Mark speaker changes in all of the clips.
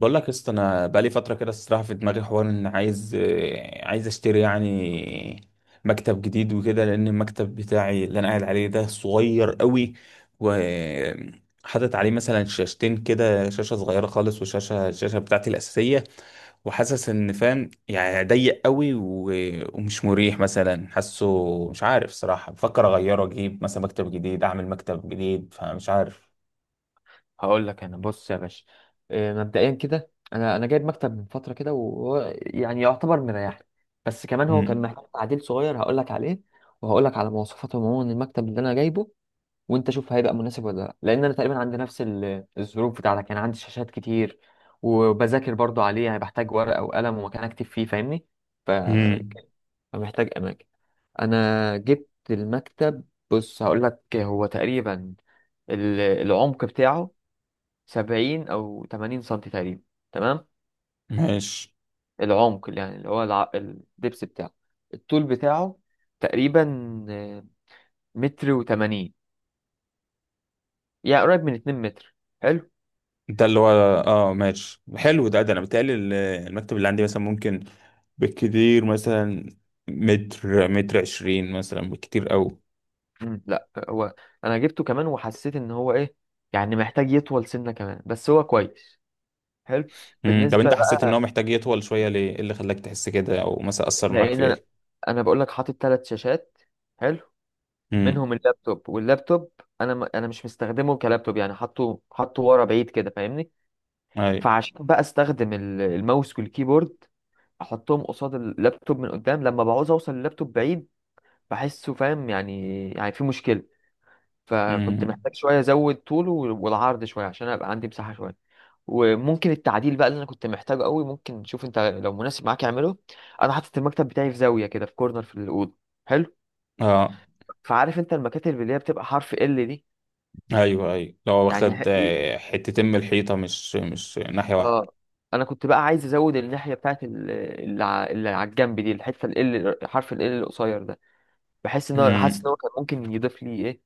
Speaker 1: بقول لك يا اسطى، انا بقالي فتره كده. الصراحه في دماغي حوار ان عايز اشتري، يعني، مكتب جديد وكده. لان المكتب بتاعي اللي انا قاعد عليه ده صغير قوي، وحاطط عليه مثلا شاشتين كده، شاشه صغيره خالص. الشاشه بتاعتي الاساسيه، وحاسس ان، فاهم يعني، ضيق قوي و- ومش مريح مثلا. حاسه مش عارف صراحه، بفكر اغيره، اجيب مثلا مكتب جديد، اعمل مكتب جديد، فمش عارف.
Speaker 2: هقول لك انا، بص يا باشا. مبدئيا كده انا جايب مكتب من فتره كده، وهو يعني يعتبر مريحني. بس كمان هو كان
Speaker 1: امم
Speaker 2: محتاج تعديل صغير هقول لك عليه، وهقول لك على مواصفات عموما المكتب اللي انا جايبه، وانت شوف هيبقى مناسب ولا لا. لان انا تقريبا عندي نفس الظروف بتاعتك، يعني عندي شاشات كتير وبذاكر برضو عليه، يعني بحتاج ورقه وقلم ومكان اكتب فيه، فاهمني؟ ف- فمحتاج اماكن. انا جبت المكتب، بص هقول لك. هو تقريبا العمق بتاعه 70 أو 80 سنتي تقريبا، تمام.
Speaker 1: ماشي.
Speaker 2: العمق اللي يعني اللي هو الدبس بتاعه، الطول بتاعه تقريبا، آه، متر وتمانين، يعني قريب من 2 متر. حلو.
Speaker 1: ده اللي هو، اه ماشي، حلو. ده انا بتهيألي المكتب اللي عندي مثلا ممكن، بالكتير مثلا، متر متر عشرين مثلا، بالكتير قوي.
Speaker 2: لا هو أنا جبته كمان، وحسيت إن هو إيه، يعني محتاج يطول سنة كمان، بس هو كويس. حلو.
Speaker 1: طب
Speaker 2: بالنسبة
Speaker 1: انت حسيت ان هو
Speaker 2: بقى،
Speaker 1: محتاج يطول شوية ليه؟ ايه اللي خلاك تحس كده، او مثلا اثر معاك في
Speaker 2: لأن أنا
Speaker 1: ايه؟
Speaker 2: أنا بقول لك حاطط 3 شاشات. حلو.
Speaker 1: امم
Speaker 2: منهم اللابتوب، واللابتوب أنا مش مستخدمه كلابتوب، يعني حاطه ورا بعيد كده فاهمني.
Speaker 1: اي.
Speaker 2: فعشان بقى استخدم الماوس والكيبورد، احطهم قصاد اللابتوب من قدام، لما بعوز اوصل اللابتوب بعيد بحسه فاهم، يعني في مشكلة. فكنت
Speaker 1: امم
Speaker 2: محتاج شوية ازود طوله والعرض شوية، عشان ابقى عندي مساحة شوية. وممكن التعديل بقى اللي انا كنت محتاجه قوي، ممكن شوف انت لو مناسب معاك اعمله. انا حاطط المكتب بتاعي في زاوية كده، في كورنر في الأوضة. حلو.
Speaker 1: اه.
Speaker 2: فعارف انت المكاتب اللي هي بتبقى حرف ال دي؟
Speaker 1: ايوه، ايوه، لو
Speaker 2: يعني
Speaker 1: واخد
Speaker 2: ح-
Speaker 1: حتتين من الحيطة، مش ناحية واحدة.
Speaker 2: اه انا كنت بقى عايز ازود الناحيه بتاعت اللي على الجنب دي، الحته حرف ال L القصير ده، بحس ان هو حاسس
Speaker 1: امم
Speaker 2: ان هو كان ممكن يضيف لي ايه.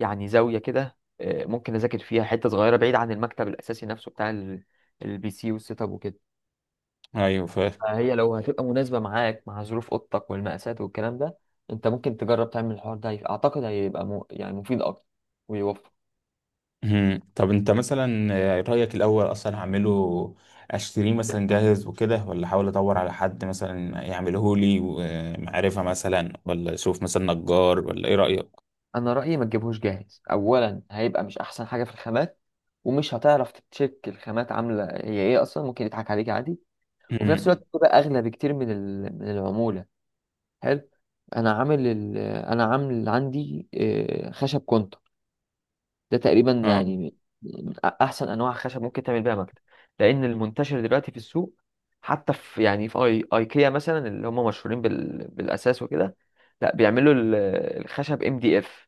Speaker 2: يعني زاويه كده ممكن اذاكر فيها حته صغيره بعيد عن المكتب الاساسي نفسه بتاع البي سي والسيت اب وكده.
Speaker 1: ايوه، فاهم.
Speaker 2: فهي لو هتبقى مناسبه معاك مع ظروف اوضتك والمقاسات والكلام ده، انت ممكن تجرب تعمل الحوار ده. اعتقد هيبقى يعني مفيد اكتر ويوفر.
Speaker 1: مم. طب انت مثلا، رأيك الأول أصلا هعمله، أشتريه مثلا جاهز وكده، ولا أحاول أدور على حد مثلا يعمله لي ومعرفة مثلا، ولا أشوف مثلا نجار؟ ولا إيه رأيك؟
Speaker 2: انا رايي ما تجيبهوش جاهز. اولا هيبقى مش احسن حاجه في الخامات، ومش هتعرف تتشيك الخامات عامله هي ايه اصلا، ممكن يضحك عليك عادي. وفي نفس
Speaker 1: مم.
Speaker 2: الوقت بتبقى اغلى بكتير من من العموله. حلو. انا عامل عندي خشب كونتر. ده تقريبا
Speaker 1: آه.
Speaker 2: يعني احسن انواع خشب ممكن تعمل بيها مكتب. لان المنتشر دلوقتي في السوق، حتى في يعني في اي ايكيا مثلا اللي هم مشهورين بالاساس وكده، لا بيعملوا الخشب ام دي اف.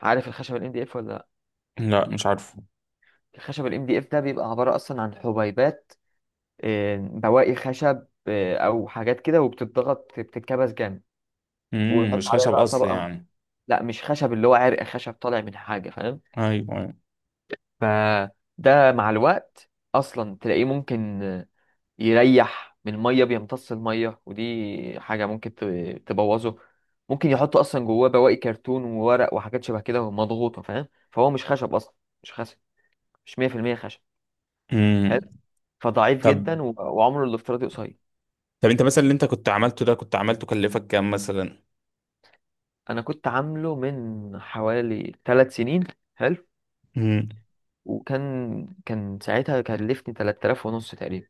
Speaker 2: عارف الخشب الام دي اف ولا؟
Speaker 1: لا، مش عارفه.
Speaker 2: الخشب الام دي اف ده بيبقى عبارة اصلا عن حبيبات، بواقي خشب، او حاجات كده، وبتتضغط بتتكبس جامد،
Speaker 1: مم.
Speaker 2: ويحط
Speaker 1: مش
Speaker 2: عليها
Speaker 1: خشب
Speaker 2: بقى
Speaker 1: أصل
Speaker 2: طبقة.
Speaker 1: يعني؟
Speaker 2: لا مش خشب اللي هو عرق خشب طالع من حاجة، فاهم؟
Speaker 1: أيوه، أيوه.
Speaker 2: فده مع الوقت اصلا تلاقيه ممكن يريح من المية، بيمتص المية، ودي حاجة ممكن تبوظه. ممكن يحطوا اصلا جواه بواقي كرتون وورق وحاجات شبه كده مضغوطة، فاهم؟ فهو مش خشب اصلا، مش خشب، مش 100% خشب. حلو.
Speaker 1: مم.
Speaker 2: فضعيف
Speaker 1: طب
Speaker 2: جدا وعمره الافتراضي قصير.
Speaker 1: طب أنت مثلا، اللي أنت كنت عملته ده، كنت عملته كلفك كام مثلا؟
Speaker 2: انا كنت عامله من حوالي 3 سنين. حلو.
Speaker 1: مم.
Speaker 2: وكان ساعتها كلفني 3000 ونص تقريبا.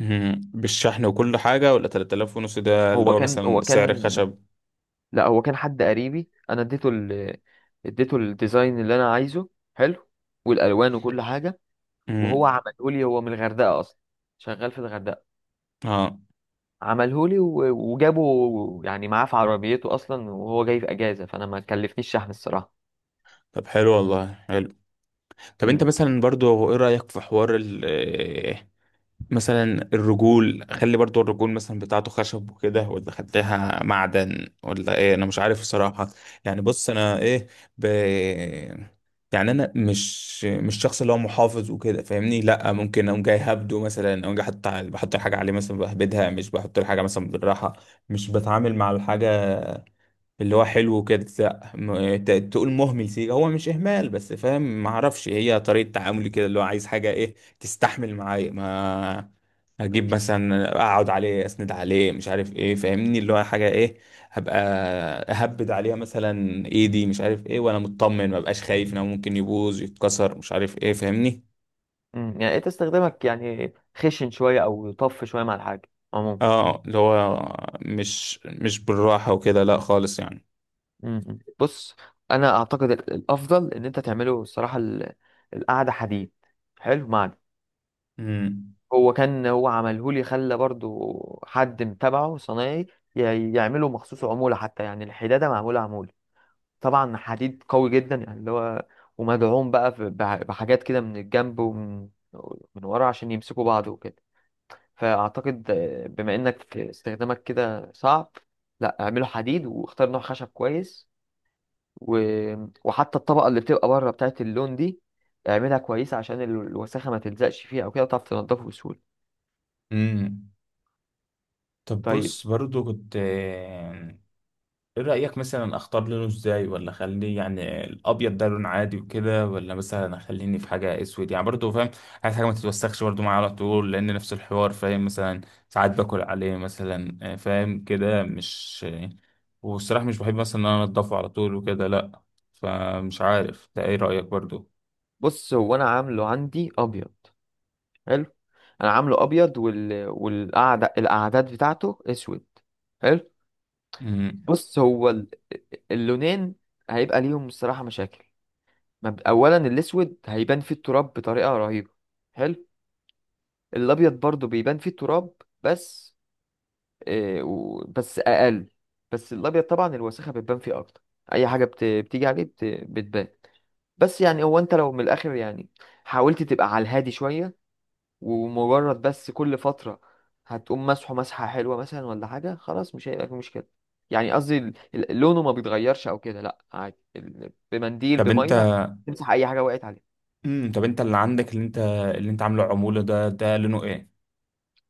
Speaker 1: مم. بالشحن وكل حاجة، ولا 3000 ونص ده اللي
Speaker 2: هو
Speaker 1: هو
Speaker 2: كان هو
Speaker 1: مثلا سعر
Speaker 2: كان
Speaker 1: الخشب؟
Speaker 2: لا هو كان حد قريبي. اديته الديزاين اللي انا عايزه. حلو. والالوان وكل حاجه، وهو
Speaker 1: مم.
Speaker 2: عمله لي. هو من الغردقه اصلا، شغال في الغردقه.
Speaker 1: آه.
Speaker 2: عمله لي وجابه يعني معاه في عربيته اصلا، وهو جاي في اجازه، فانا ما كلفنيش شحن الصراحه.
Speaker 1: طب حلو والله. طب انت مثلا، برضو، هو ايه رأيك في حوار مثلا الرجول، خلي برضو الرجول مثلا بتاعته خشب وكده، ولا خليها معدن، ولا ايه؟ انا مش عارف الصراحة. يعني بص انا ايه، ب... يعني انا مش شخص اللي هو محافظ وكده، فاهمني؟ لا، ممكن اقوم جاي هبده مثلا، اقوم جاي بحط الحاجة عليه مثلا، بهبدها، مش بحط الحاجة مثلا بالراحة، مش بتعامل مع الحاجة اللي هو حلو كده. لا تقول مهمل سيكا، هو مش اهمال، بس فاهم، ما اعرفش، هي طريقه تعاملي كده، اللي هو عايز حاجه ايه تستحمل معايا. ما اجيب مثلا، اقعد عليه، اسند عليه، مش عارف ايه، فاهمني؟ اللي هو حاجه ايه هبقى اهبد عليها مثلا ايدي، مش عارف ايه، وانا مطمن، ما بقاش خايف ان هو ممكن يبوظ يتكسر، مش عارف ايه، فاهمني؟
Speaker 2: يعني انت استخدامك يعني خشن شويه او طف شويه مع الحاجه عموما.
Speaker 1: اه، اللي هو مش بالراحه وكده، لا خالص يعني.
Speaker 2: بص انا اعتقد الافضل ان انت تعمله الصراحه القعده حديد. حلو. معدن.
Speaker 1: امم
Speaker 2: هو عمله لي، خلى برضو حد متابعه صنايعي يعمله مخصوص عموله، حتى يعني الحداده معموله عموله. طبعا حديد قوي جدا، يعني اللي هو، ومدعوم بقى بحاجات كده من الجنب ومن ورا عشان يمسكوا بعض وكده. فأعتقد بما إنك استخدامك كده صعب، لا اعمله حديد واختار نوع خشب كويس. و... وحتى الطبقة اللي بتبقى بره بتاعت اللون دي، اعملها كويسة، عشان الوساخة ما تلزقش فيها أو كده، وتعرف تنضفه بسهولة.
Speaker 1: امم طب
Speaker 2: طيب،
Speaker 1: بص، برضو كنت، ايه رأيك مثلا اختار لونه ازاي؟ ولا اخليه، يعني الابيض ده لون عادي وكده، ولا مثلا اخليني في حاجة اسود؟ يعني برضو فاهم، عايز حاجة ما تتوسخش برضو معايا على طول، لان نفس الحوار، فاهم مثلا ساعات باكل عليه مثلا، فاهم كده مش. والصراحة مش بحب مثلا ان انا انضفه على طول وكده، لا. فمش عارف ده، ايه رأيك برضو؟
Speaker 2: بص هو أنا عامله عندي أبيض. حلو. أنا عامله أبيض وال... والقعدة الأعداد بتاعته أسود. حلو.
Speaker 1: مم.
Speaker 2: بص هو اللونين هيبقى ليهم الصراحة مشاكل. أولا الأسود هيبان فيه التراب بطريقة رهيبة. حلو. الابيض برضو بيبان فيه التراب. بس إيه بس اقل، بس الابيض طبعا الوسخه بتبان فيه اكتر. اي حاجه بتيجي عليه بتبان. بس يعني هو انت لو من الاخر يعني حاولت تبقى على الهادي شويه، ومجرد بس كل فتره هتقوم مسحه مسحه حلوه مثلا ولا حاجه، خلاص مش هيبقى في مشكله. يعني قصدي لونه ما بيتغيرش او كده، لا عادي، بمنديل
Speaker 1: طب انت
Speaker 2: بميه تمسح اي حاجه وقعت عليه.
Speaker 1: طب انت اللي عندك، اللي انت عامله عمولة ده، ده لونه ايه؟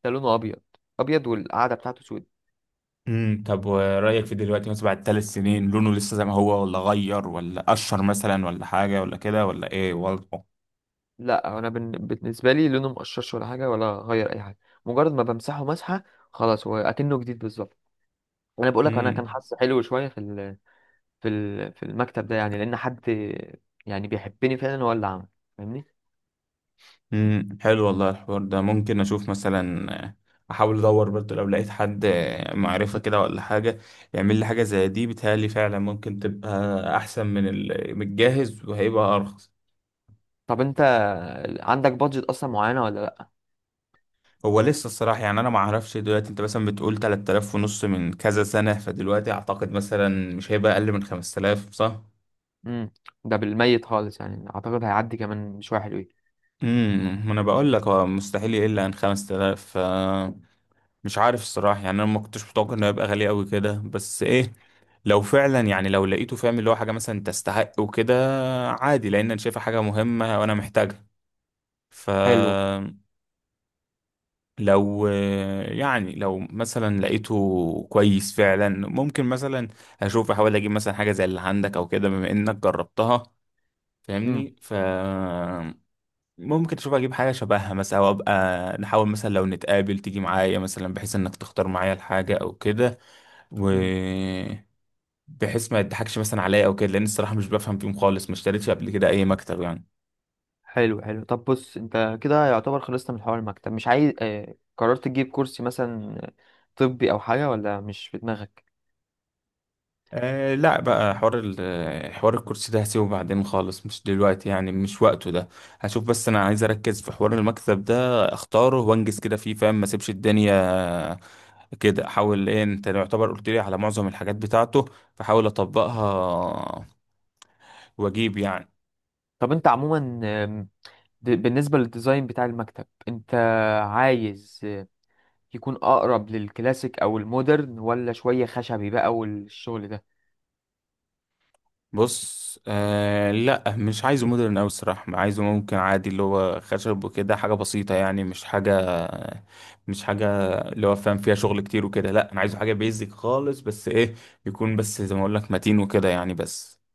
Speaker 2: ده لونه ابيض. ابيض والقعده بتاعته سودة.
Speaker 1: طب ورأيك في دلوقتي، مثلا بعد 3 سنين، لونه لسه زي ما هو، ولا غير، ولا قشر مثلا، ولا حاجة، ولا كده، ولا ايه وضعه؟
Speaker 2: لا انا بالنسبه لي لونه مقشرش ولا حاجه ولا غير اي حاجه، مجرد ما بمسحه مسحه، خلاص هو اكنه جديد بالظبط. انا بقول لك انا كان
Speaker 1: امم
Speaker 2: حظي حلو شويه في المكتب ده، يعني لان حد يعني بيحبني فعلا هو اللي عمل، فاهمني؟
Speaker 1: حلو والله. الحوار ده ممكن اشوف مثلا، احاول ادور برضه لو لقيت حد، معرفة كده ولا حاجة، يعمل لي حاجة زي دي. بيتهيألي فعلا ممكن تبقى احسن من من الجاهز، وهيبقى ارخص.
Speaker 2: طب انت عندك بادجت اصلا معينه ولا لا؟
Speaker 1: هو لسه الصراحة يعني، أنا ما أعرفش دلوقتي. أنت مثلا بتقول 3000 ونص من كذا سنة، فدلوقتي أعتقد مثلا مش هيبقى أقل من 5000، صح؟
Speaker 2: امم، ده بالميت خالص يعني اعتقد هيعدي كمان شويه حلوين.
Speaker 1: ما انا بقول لك هو مستحيل يقل عن 5000. ف مش عارف الصراحه يعني، انا ما كنتش متوقع انه يبقى غالي قوي كده، بس ايه، لو فعلا يعني، لو لقيته، فاهم، اللي هو حاجه مثلا تستحق وكده، عادي، لان انا شايفها حاجه مهمه وانا محتاجها. ف
Speaker 2: حلو.
Speaker 1: لو يعني، لو مثلا لقيته كويس فعلا، ممكن مثلا اشوف، احاول اجيب مثلا حاجه زي اللي عندك او كده، بما انك جربتها،
Speaker 2: امم.
Speaker 1: فاهمني؟ ف ممكن تشوف اجيب حاجه شبهها مثلا، او ابقى نحاول مثلا لو نتقابل، تيجي معايا مثلا بحيث انك تختار معايا الحاجه او كده، و بحيث ما يضحكش مثلا عليا او كده، لان الصراحه مش بفهم فيهم خالص، ما اشتريتش قبل كده اي مكتب يعني.
Speaker 2: حلو طب بص انت كده يعتبر خلصت من حوار المكتب، مش عايز اه قررت تجيب كرسي مثلا طبي او حاجة، ولا مش في دماغك؟
Speaker 1: أه لا، بقى حوار حوار الكرسي ده هسيبه بعدين خالص، مش دلوقتي يعني، مش وقته ده. هشوف، بس انا عايز اركز في حوار المكتب ده، اختاره وانجز كده فيه، فاهم؟ ما اسيبش الدنيا كده. احاول ايه، انت يعتبر قلت لي على معظم الحاجات بتاعته، فحاول اطبقها واجيب يعني.
Speaker 2: طب انت عموما بالنسبة للديزاين بتاع المكتب، انت عايز يكون اقرب للكلاسيك او المودرن، ولا شوية خشبي بقى والشغل ده؟
Speaker 1: بص، آه، لا مش عايزه مودرن أوي الصراحة. عايزه ممكن عادي، اللي هو خشب وكده، حاجة بسيطة، يعني مش حاجة، مش حاجة اللي هو فاهم فيها شغل كتير وكده، لا. أنا عايزه حاجة بيزك خالص، بس إيه، يكون بس زي ما أقول لك متين وكده، يعني بس.